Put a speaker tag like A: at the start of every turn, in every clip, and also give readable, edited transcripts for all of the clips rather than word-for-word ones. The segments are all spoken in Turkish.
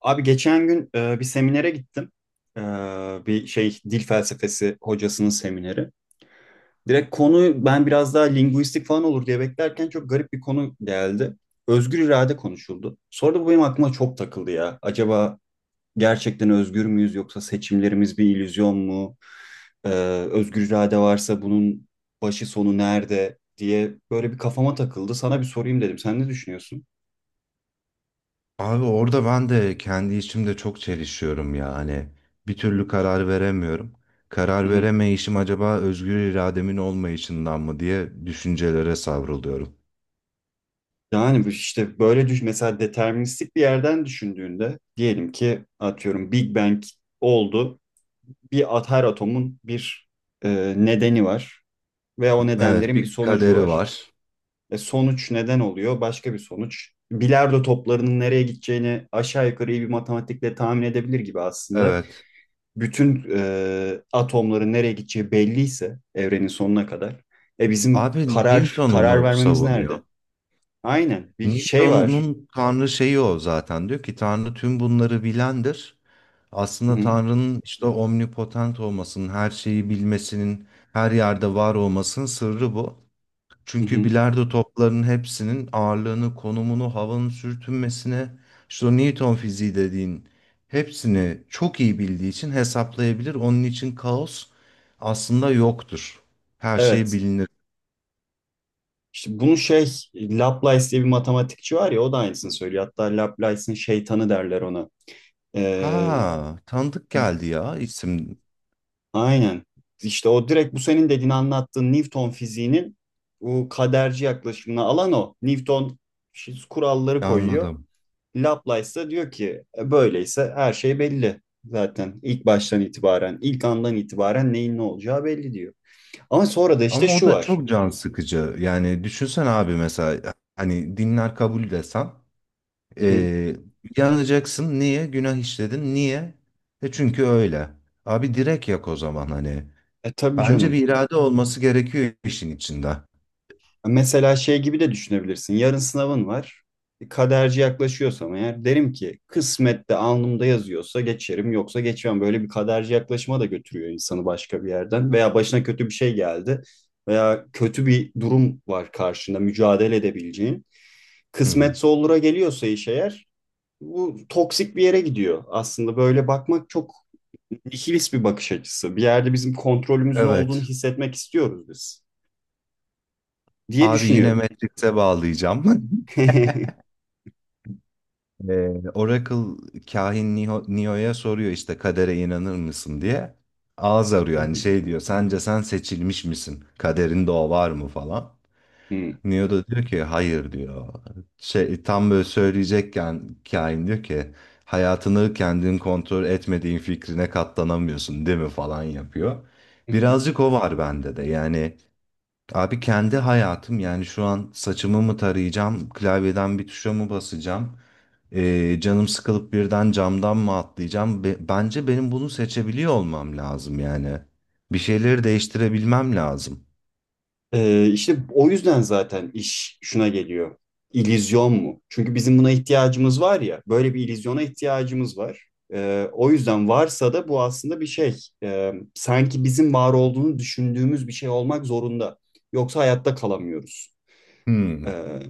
A: Abi geçen gün bir seminere gittim. E, bir şey dil felsefesi hocasının semineri. Direkt konu ben biraz daha linguistik falan olur diye beklerken çok garip bir konu geldi. Özgür irade konuşuldu. Sonra da bu benim aklıma çok takıldı ya. Acaba gerçekten özgür müyüz yoksa seçimlerimiz bir illüzyon mu? E, özgür irade varsa bunun başı sonu nerede diye böyle bir kafama takıldı. Sana bir sorayım dedim. Sen ne düşünüyorsun?
B: Abi orada ben de kendi içimde çok çelişiyorum ya. Hani bir türlü karar veremiyorum. Karar veremeyişim acaba özgür irademin olmayışından mı diye düşüncelere savruluyorum.
A: Yani bu işte böyle düş mesela deterministik bir yerden düşündüğünde diyelim ki atıyorum Big Bang oldu. Bir at her atomun bir nedeni var ve o
B: Evet,
A: nedenlerin bir
B: bir
A: sonucu
B: kaderi
A: var.
B: var.
A: E, sonuç neden oluyor? Başka bir sonuç. Bilardo toplarının nereye gideceğini aşağı yukarı iyi bir matematikle tahmin edebilir gibi aslında.
B: Evet.
A: Bütün atomların nereye gideceği belliyse evrenin sonuna kadar. E bizim
B: Abi
A: karar
B: Newton
A: karar
B: onu
A: vermemiz
B: savunuyor.
A: nerede? Aynen bir şey var.
B: Newton'un Tanrı şeyi o zaten. Diyor ki Tanrı tüm bunları bilendir. Aslında
A: Hı.
B: Tanrı'nın işte omnipotent olmasının, her şeyi bilmesinin, her yerde var olmasının sırrı bu.
A: Hı
B: Çünkü
A: hı.
B: bilardo toplarının hepsinin ağırlığını, konumunu, havanın sürtünmesine, işte o Newton fiziği dediğin hepsini çok iyi bildiği için hesaplayabilir. Onun için kaos aslında yoktur. Her şey
A: Evet.
B: bilinir.
A: İşte bunu şey Laplace diye bir matematikçi var ya o da aynısını söylüyor. Hatta Laplace'ın şeytanı derler ona. Ee,
B: Ha, tanıdık geldi ya isim.
A: aynen. İşte o direkt bu senin dediğin anlattığın Newton fiziğinin bu kaderci yaklaşımına alan o. Newton kuralları koyuyor.
B: Anladım.
A: Laplace da diyor ki "E, böyleyse her şey belli. Zaten ilk baştan itibaren, ilk andan itibaren neyin ne olacağı belli diyor. Ama sonra da işte
B: Ama o
A: şu
B: da
A: var.
B: çok can sıkıcı. Yani düşünsen abi mesela hani dinler kabul desen
A: Hı hı.
B: Ee, yanacaksın. Niye? Günah işledin. Niye? E çünkü öyle. Abi direkt yak o zaman hani.
A: E tabii
B: Bence bir
A: canım.
B: irade olması gerekiyor işin içinde.
A: Mesela şey gibi de düşünebilirsin. Yarın sınavın var. E, kaderci yaklaşıyorsam eğer derim ki kısmette alnımda yazıyorsa geçerim yoksa geçmem. Böyle bir kaderci yaklaşıma da götürüyor insanı başka bir yerden. Veya başına kötü bir şey geldi veya kötü bir durum var karşında mücadele edebileceğin.
B: Hı hı.
A: Kısmetse olura geliyorsa iş eğer bu toksik bir yere gidiyor. Aslında böyle bakmak çok nihilist bir bakış açısı. Bir yerde bizim kontrolümüzün olduğunu
B: Evet.
A: hissetmek istiyoruz biz diye
B: Abi yine
A: düşünüyorum.
B: Matrix'e bağlayacağım. Ee, Oracle kahin Neo, Neo'ya soruyor işte kadere inanır mısın diye. Ağız arıyor hani şey diyor sence sen seçilmiş misin? Kaderinde o var mı falan.
A: Hı.
B: Neo da diyor ki hayır diyor. Şey, tam böyle söyleyecekken kahin diyor ki hayatını kendin kontrol etmediğin fikrine katlanamıyorsun değil mi falan yapıyor. Birazcık o var bende de yani. Abi kendi hayatım yani şu an saçımı mı tarayacağım, klavyeden bir tuşa mı basacağım, canım sıkılıp birden camdan mı atlayacağım? Bence benim bunu seçebiliyor olmam lazım yani. Bir şeyleri değiştirebilmem lazım.
A: İşte o yüzden zaten iş şuna geliyor. İllüzyon mu? Çünkü bizim buna ihtiyacımız var ya, böyle bir illüzyona ihtiyacımız var. O yüzden varsa da bu aslında bir şey. Sanki bizim var olduğunu düşündüğümüz bir şey olmak zorunda. Yoksa hayatta kalamıyoruz.
B: Hmm.
A: Ee,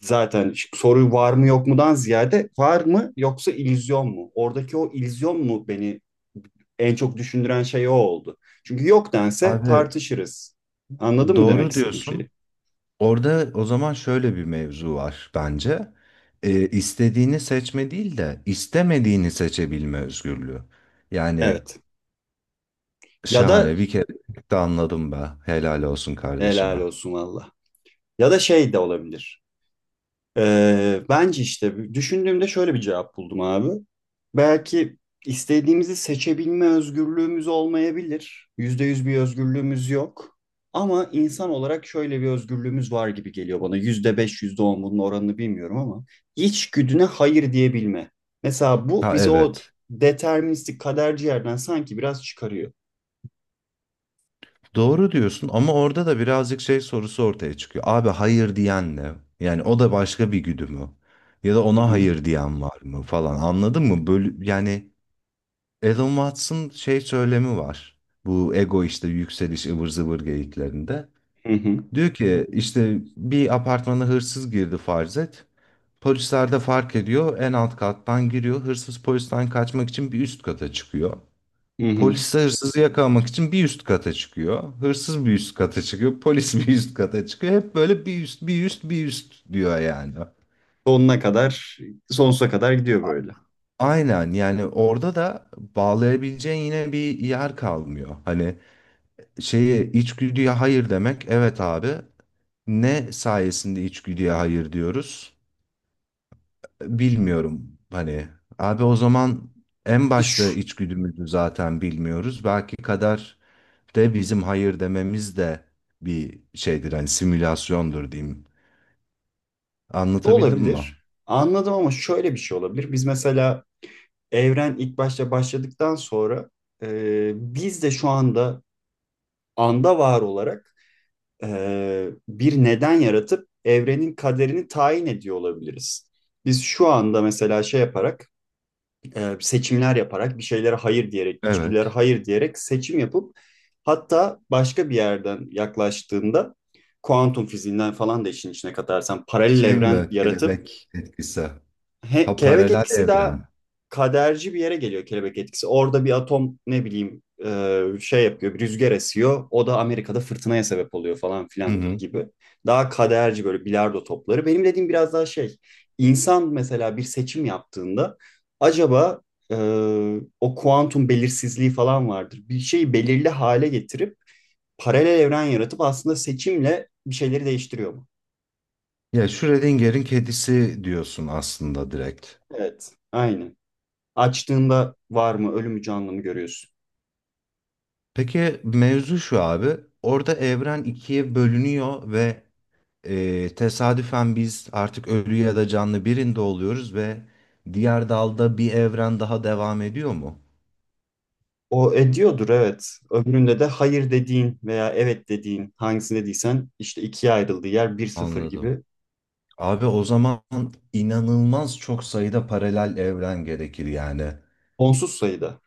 A: zaten soru var mı yok mudan ziyade var mı yoksa illüzyon mu? Oradaki o illüzyon mu beni en çok düşündüren şey o oldu. Çünkü yok dense
B: Abi
A: tartışırız. Anladın mı demek
B: doğru
A: istediğim
B: diyorsun.
A: şeyi?
B: Orada o zaman şöyle bir mevzu var bence. İstediğini seçme değil de istemediğini seçebilme özgürlüğü. Yani
A: Evet. Ya da
B: şahane bir kere de anladım be. Helal olsun
A: helal
B: kardeşime.
A: olsun valla. Ya da şey de olabilir. Bence işte düşündüğümde şöyle bir cevap buldum abi. Belki istediğimizi seçebilme özgürlüğümüz olmayabilir. Yüzde yüz bir özgürlüğümüz yok. Ama insan olarak şöyle bir özgürlüğümüz var gibi geliyor bana. Yüzde beş, yüzde on bunun oranını bilmiyorum ama içgüdüne hayır diyebilme. Mesela bu
B: Ha
A: bizi o
B: evet.
A: deterministik kaderci yerden sanki biraz çıkarıyor.
B: Doğru diyorsun ama orada da birazcık şey sorusu ortaya çıkıyor. Abi hayır diyen ne? Yani o da başka bir güdü mü? Ya da
A: Hı
B: ona
A: hı,
B: hayır diyen var mı falan anladın mı? Böyle, yani Elon Musk'ın şey söylemi var. Bu ego işte yükseliş ıvır zıvır geyiklerinde.
A: hı hı,
B: Diyor ki işte bir apartmana hırsız girdi farz et. Polisler de fark ediyor en alt kattan giriyor. Hırsız polisten kaçmak için bir üst kata çıkıyor.
A: hı hı.
B: Polis de hırsızı yakalamak için bir üst kata çıkıyor. Hırsız bir üst kata çıkıyor. Polis bir üst kata çıkıyor. Hep böyle bir üst, bir üst, bir üst diyor yani.
A: Sonuna kadar, sonsuza kadar gidiyor böyle.
B: Aynen, yani orada da bağlayabileceğin yine bir yer kalmıyor. Hani şeye içgüdüye hayır demek evet abi. Ne sayesinde içgüdüye hayır diyoruz? Bilmiyorum. Hani abi o zaman en
A: İşte şu,
B: başta içgüdümüzü zaten bilmiyoruz. Belki kader de bizim hayır dememiz de bir şeydir, hani simülasyondur diyeyim. Anlatabildim mi?
A: olabilir. Anladım ama şöyle bir şey olabilir. Biz mesela evren ilk başta başladıktan sonra biz de şu anda var olarak bir neden yaratıp evrenin kaderini tayin ediyor olabiliriz. Biz şu anda mesela şey yaparak seçimler yaparak bir şeylere hayır diyerek içgüdülere
B: Evet.
A: hayır diyerek seçim yapıp hatta başka bir yerden yaklaştığında kuantum fiziğinden falan da işin içine katarsan paralel
B: Şey
A: evren
B: mi?
A: yaratıp
B: Kelebek etkisi. Ha,
A: kelebek
B: paralel
A: etkisi daha
B: evren.
A: kaderci bir yere geliyor kelebek etkisi. Orada bir atom ne bileyim şey yapıyor, bir rüzgar esiyor. O da Amerika'da fırtınaya sebep oluyor falan
B: Hı
A: filan
B: hı.
A: gibi. Daha kaderci böyle bilardo topları. Benim dediğim biraz daha şey. İnsan mesela bir seçim yaptığında acaba e, o kuantum belirsizliği falan vardır. Bir şeyi belirli hale getirip paralel evren yaratıp aslında seçimle bir şeyleri değiştiriyor mu?
B: Ya Schrödinger'in kedisi diyorsun aslında direkt.
A: Evet, aynen. Açtığında var mı, ölümü canlı mı görüyorsun?
B: Peki mevzu şu abi. Orada evren ikiye bölünüyor ve tesadüfen biz artık ölü ya da canlı birinde oluyoruz ve diğer dalda bir evren daha devam ediyor mu?
A: O ediyordur evet. Öbüründe de hayır dediğin veya evet dediğin hangisini dediysen işte ikiye ayrıldığı yer bir sıfır
B: Anladım.
A: gibi
B: Abi o zaman inanılmaz çok sayıda paralel evren gerekir yani.
A: sonsuz sayıda.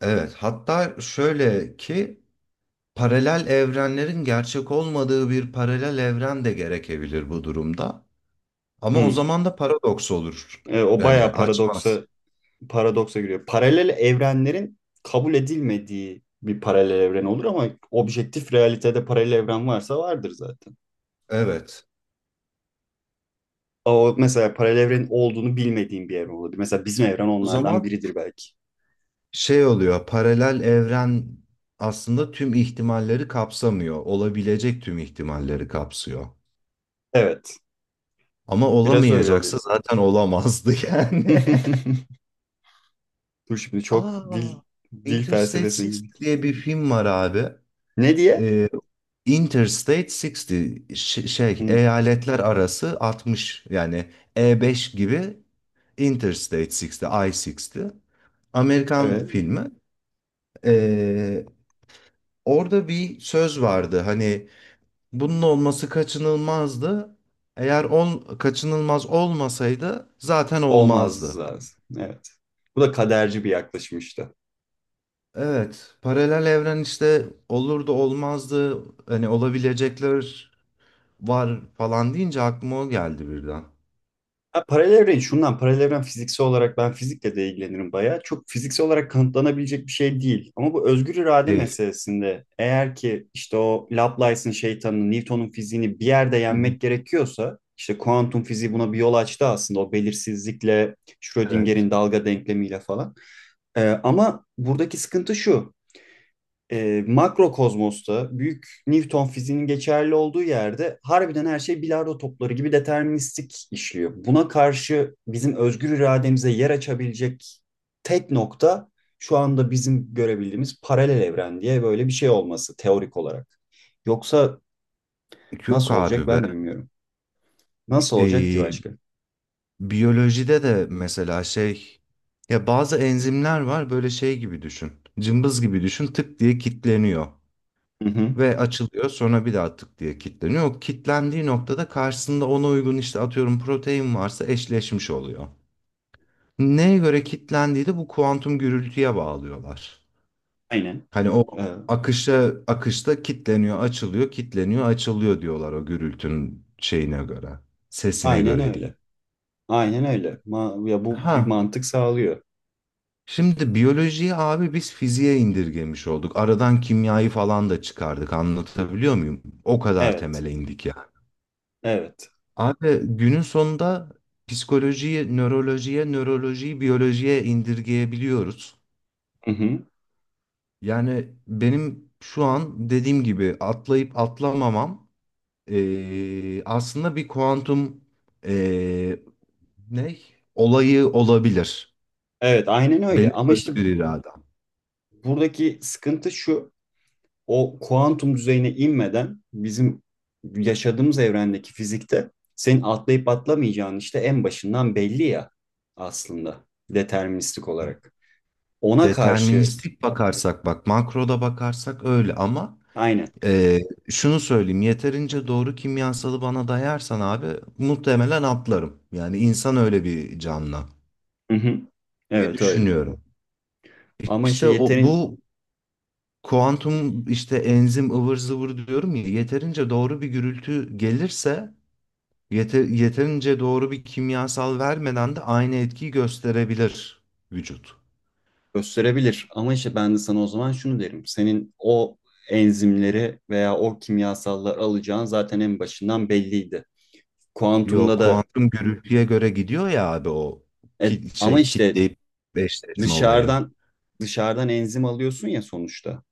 B: Evet, hatta şöyle ki paralel evrenlerin gerçek olmadığı bir paralel evren de gerekebilir bu durumda. Ama o
A: Hmm.
B: zaman da paradoks olur.
A: O
B: Yani
A: bayağı
B: açmaz.
A: paradoksa paradoksa giriyor. Paralel evrenlerin kabul edilmediği bir paralel evren olur ama objektif realitede paralel evren varsa vardır zaten.
B: Evet.
A: Ama o mesela paralel evrenin olduğunu bilmediğim bir evren olabilir. Mesela bizim evren
B: O
A: onlardan
B: zaman
A: biridir belki.
B: şey oluyor. Paralel evren aslında tüm ihtimalleri kapsamıyor. Olabilecek tüm ihtimalleri kapsıyor.
A: Evet.
B: Ama
A: Biraz öyle oluyor.
B: olamayacaksa zaten olamazdı yani.
A: Dur şimdi çok
B: Aa,
A: dil
B: Interstate
A: felsefesine
B: 60
A: girdik.
B: diye bir film var abi.
A: Ne diye?
B: Interstate 60, şey,
A: Hı,
B: eyaletler arası 60 yani, E5 gibi. Interstate 60, I-60, Amerikan
A: evet.
B: filmi. Ee, Orada bir söz vardı hani bunun olması kaçınılmazdı. Eğer kaçınılmaz olmasaydı zaten
A: Olmaz
B: olmazdı.
A: lazım. Evet. Bu da kaderci bir yaklaşım işte.
B: Evet, paralel evren işte olur da olmazdı. Hani olabilecekler var falan deyince aklıma o geldi birden.
A: Ha, paralel evren şundan paralel evren fiziksel olarak ben fizikle de ilgilenirim bayağı. Çok fiziksel olarak kanıtlanabilecek bir şey değil. Ama bu özgür irade
B: Değil.
A: meselesinde eğer ki işte o Laplace'ın şeytanını, Newton'un fiziğini bir yerde
B: Hı hı.
A: yenmek gerekiyorsa işte kuantum fiziği buna bir yol açtı aslında o belirsizlikle,
B: Evet.
A: Schrödinger'in dalga denklemiyle falan. Ama buradaki sıkıntı şu. Makro kozmosta büyük Newton fiziğinin geçerli olduğu yerde harbiden her şey bilardo topları gibi deterministik işliyor. Buna karşı bizim özgür irademize yer açabilecek tek nokta şu anda bizim görebildiğimiz paralel evren diye böyle bir şey olması teorik olarak. Yoksa
B: Yok
A: nasıl olacak
B: abi be.
A: ben de bilmiyorum. Nasıl olacak ki
B: Ee,
A: başka?
B: Biyolojide de mesela şey, ya bazı enzimler var, böyle şey gibi düşün. Cımbız gibi düşün, tık diye kilitleniyor
A: Hı hı.
B: ve açılıyor, sonra bir daha tık diye kilitleniyor. O kilitlendiği noktada karşısında ona uygun işte atıyorum protein varsa eşleşmiş oluyor. Neye göre kilitlendiği de bu kuantum gürültüye bağlıyorlar.
A: Aynen.
B: Hani o
A: Ee,
B: akışta kitleniyor, açılıyor, kitleniyor, açılıyor diyorlar o gürültünün şeyine göre, sesine
A: aynen
B: göre
A: öyle.
B: diyeyim.
A: Aynen öyle. Ya bu bir
B: Ha,
A: mantık sağlıyor.
B: şimdi biyolojiyi abi biz fiziğe indirgemiş olduk. Aradan kimyayı falan da çıkardık. Anlatabiliyor muyum? O kadar
A: Evet.
B: temele indik ya.
A: Evet.
B: Abi günün sonunda psikolojiyi nörolojiye, nörolojiyi biyolojiye indirgeyebiliyoruz.
A: Hı hı.
B: Yani benim şu an dediğim gibi atlayıp atlamamam aslında bir kuantum ee, ne olayı olabilir.
A: Evet, aynen öyle.
B: Benim
A: Ama işte
B: özgür iradem.
A: buradaki sıkıntı şu. O kuantum düzeyine inmeden bizim yaşadığımız evrendeki fizikte senin atlayıp atlamayacağın işte en başından belli ya aslında deterministik olarak. Ona karşı
B: Deterministik bakarsak, bak makroda bakarsak öyle ama
A: aynen.
B: ee, şunu söyleyeyim, yeterince doğru kimyasalı bana dayarsan abi muhtemelen atlarım. Yani insan öyle bir canlı
A: Hı hı.
B: diye
A: Evet öyle.
B: düşünüyorum.
A: Ama işte
B: İşte o
A: yeterin
B: bu kuantum işte enzim ıvır zıvır diyorum ya, yeterince doğru bir gürültü gelirse yeterince doğru bir kimyasal vermeden de aynı etkiyi gösterebilir vücut.
A: gösterebilir. Ama işte ben de sana o zaman şunu derim. Senin o enzimleri veya o kimyasalları alacağın zaten en başından belliydi.
B: Yo,
A: Kuantumda da
B: kuantum gürültüye göre gidiyor ya abi, o
A: ama
B: şey,
A: işte
B: kitleyip eşleşme olayı.
A: dışarıdan dışarıdan enzim alıyorsun ya sonuçta.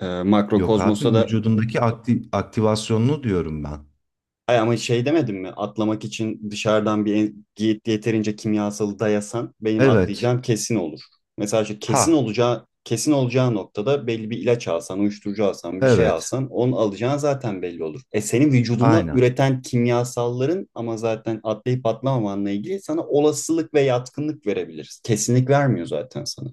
B: Yok abi,
A: Makrokozmosta da
B: vücudundaki aktivasyonunu diyorum ben.
A: Ay ama şey demedim mi? Atlamak için dışarıdan bir yeterince kimyasalı dayasan benim
B: Evet.
A: atlayacağım kesin olur. Mesela işte
B: Ha.
A: kesin olacağı noktada belli bir ilaç alsan, uyuşturucu alsan, bir şey
B: Evet.
A: alsan onu alacağın zaten belli olur. E senin vücudunda
B: Aynen.
A: üreten kimyasalların ama zaten atlayıp atlamamanla ilgili sana olasılık ve yatkınlık verebiliriz. Kesinlik vermiyor zaten sana.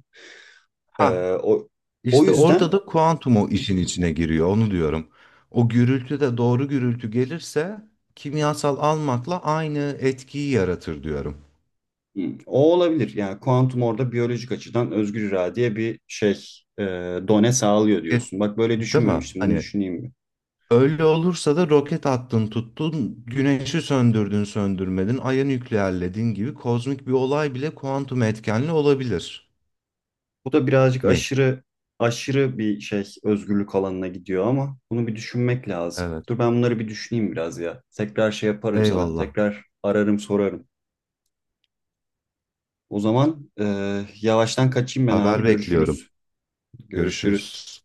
B: Ha.
A: Ee, o, o
B: İşte orada
A: yüzden
B: da kuantum o işin içine giriyor. Onu diyorum. O gürültü de doğru gürültü gelirse kimyasal almakla aynı etkiyi yaratır diyorum.
A: o olabilir. Yani kuantum orada biyolojik açıdan özgür iradeye bir şey e, done sağlıyor
B: E,
A: diyorsun. Bak böyle
B: değil mi?
A: düşünmemiştim. Bunu
B: Hani
A: düşüneyim mi?
B: öyle olursa da roket attın tuttun, güneşi söndürdün söndürmedin, ayı nükleerledin gibi kozmik bir olay bile kuantum etkenli olabilir
A: Bu da birazcık
B: mi?
A: aşırı bir şey özgürlük alanına gidiyor ama bunu bir düşünmek lazım.
B: Evet.
A: Dur ben bunları bir düşüneyim biraz ya. Tekrar şey yaparım sana.
B: Eyvallah.
A: Tekrar ararım sorarım. O zaman yavaştan kaçayım ben abi.
B: Haber
A: Görüşürüz.
B: bekliyorum.
A: Görüşürüz.
B: Görüşürüz.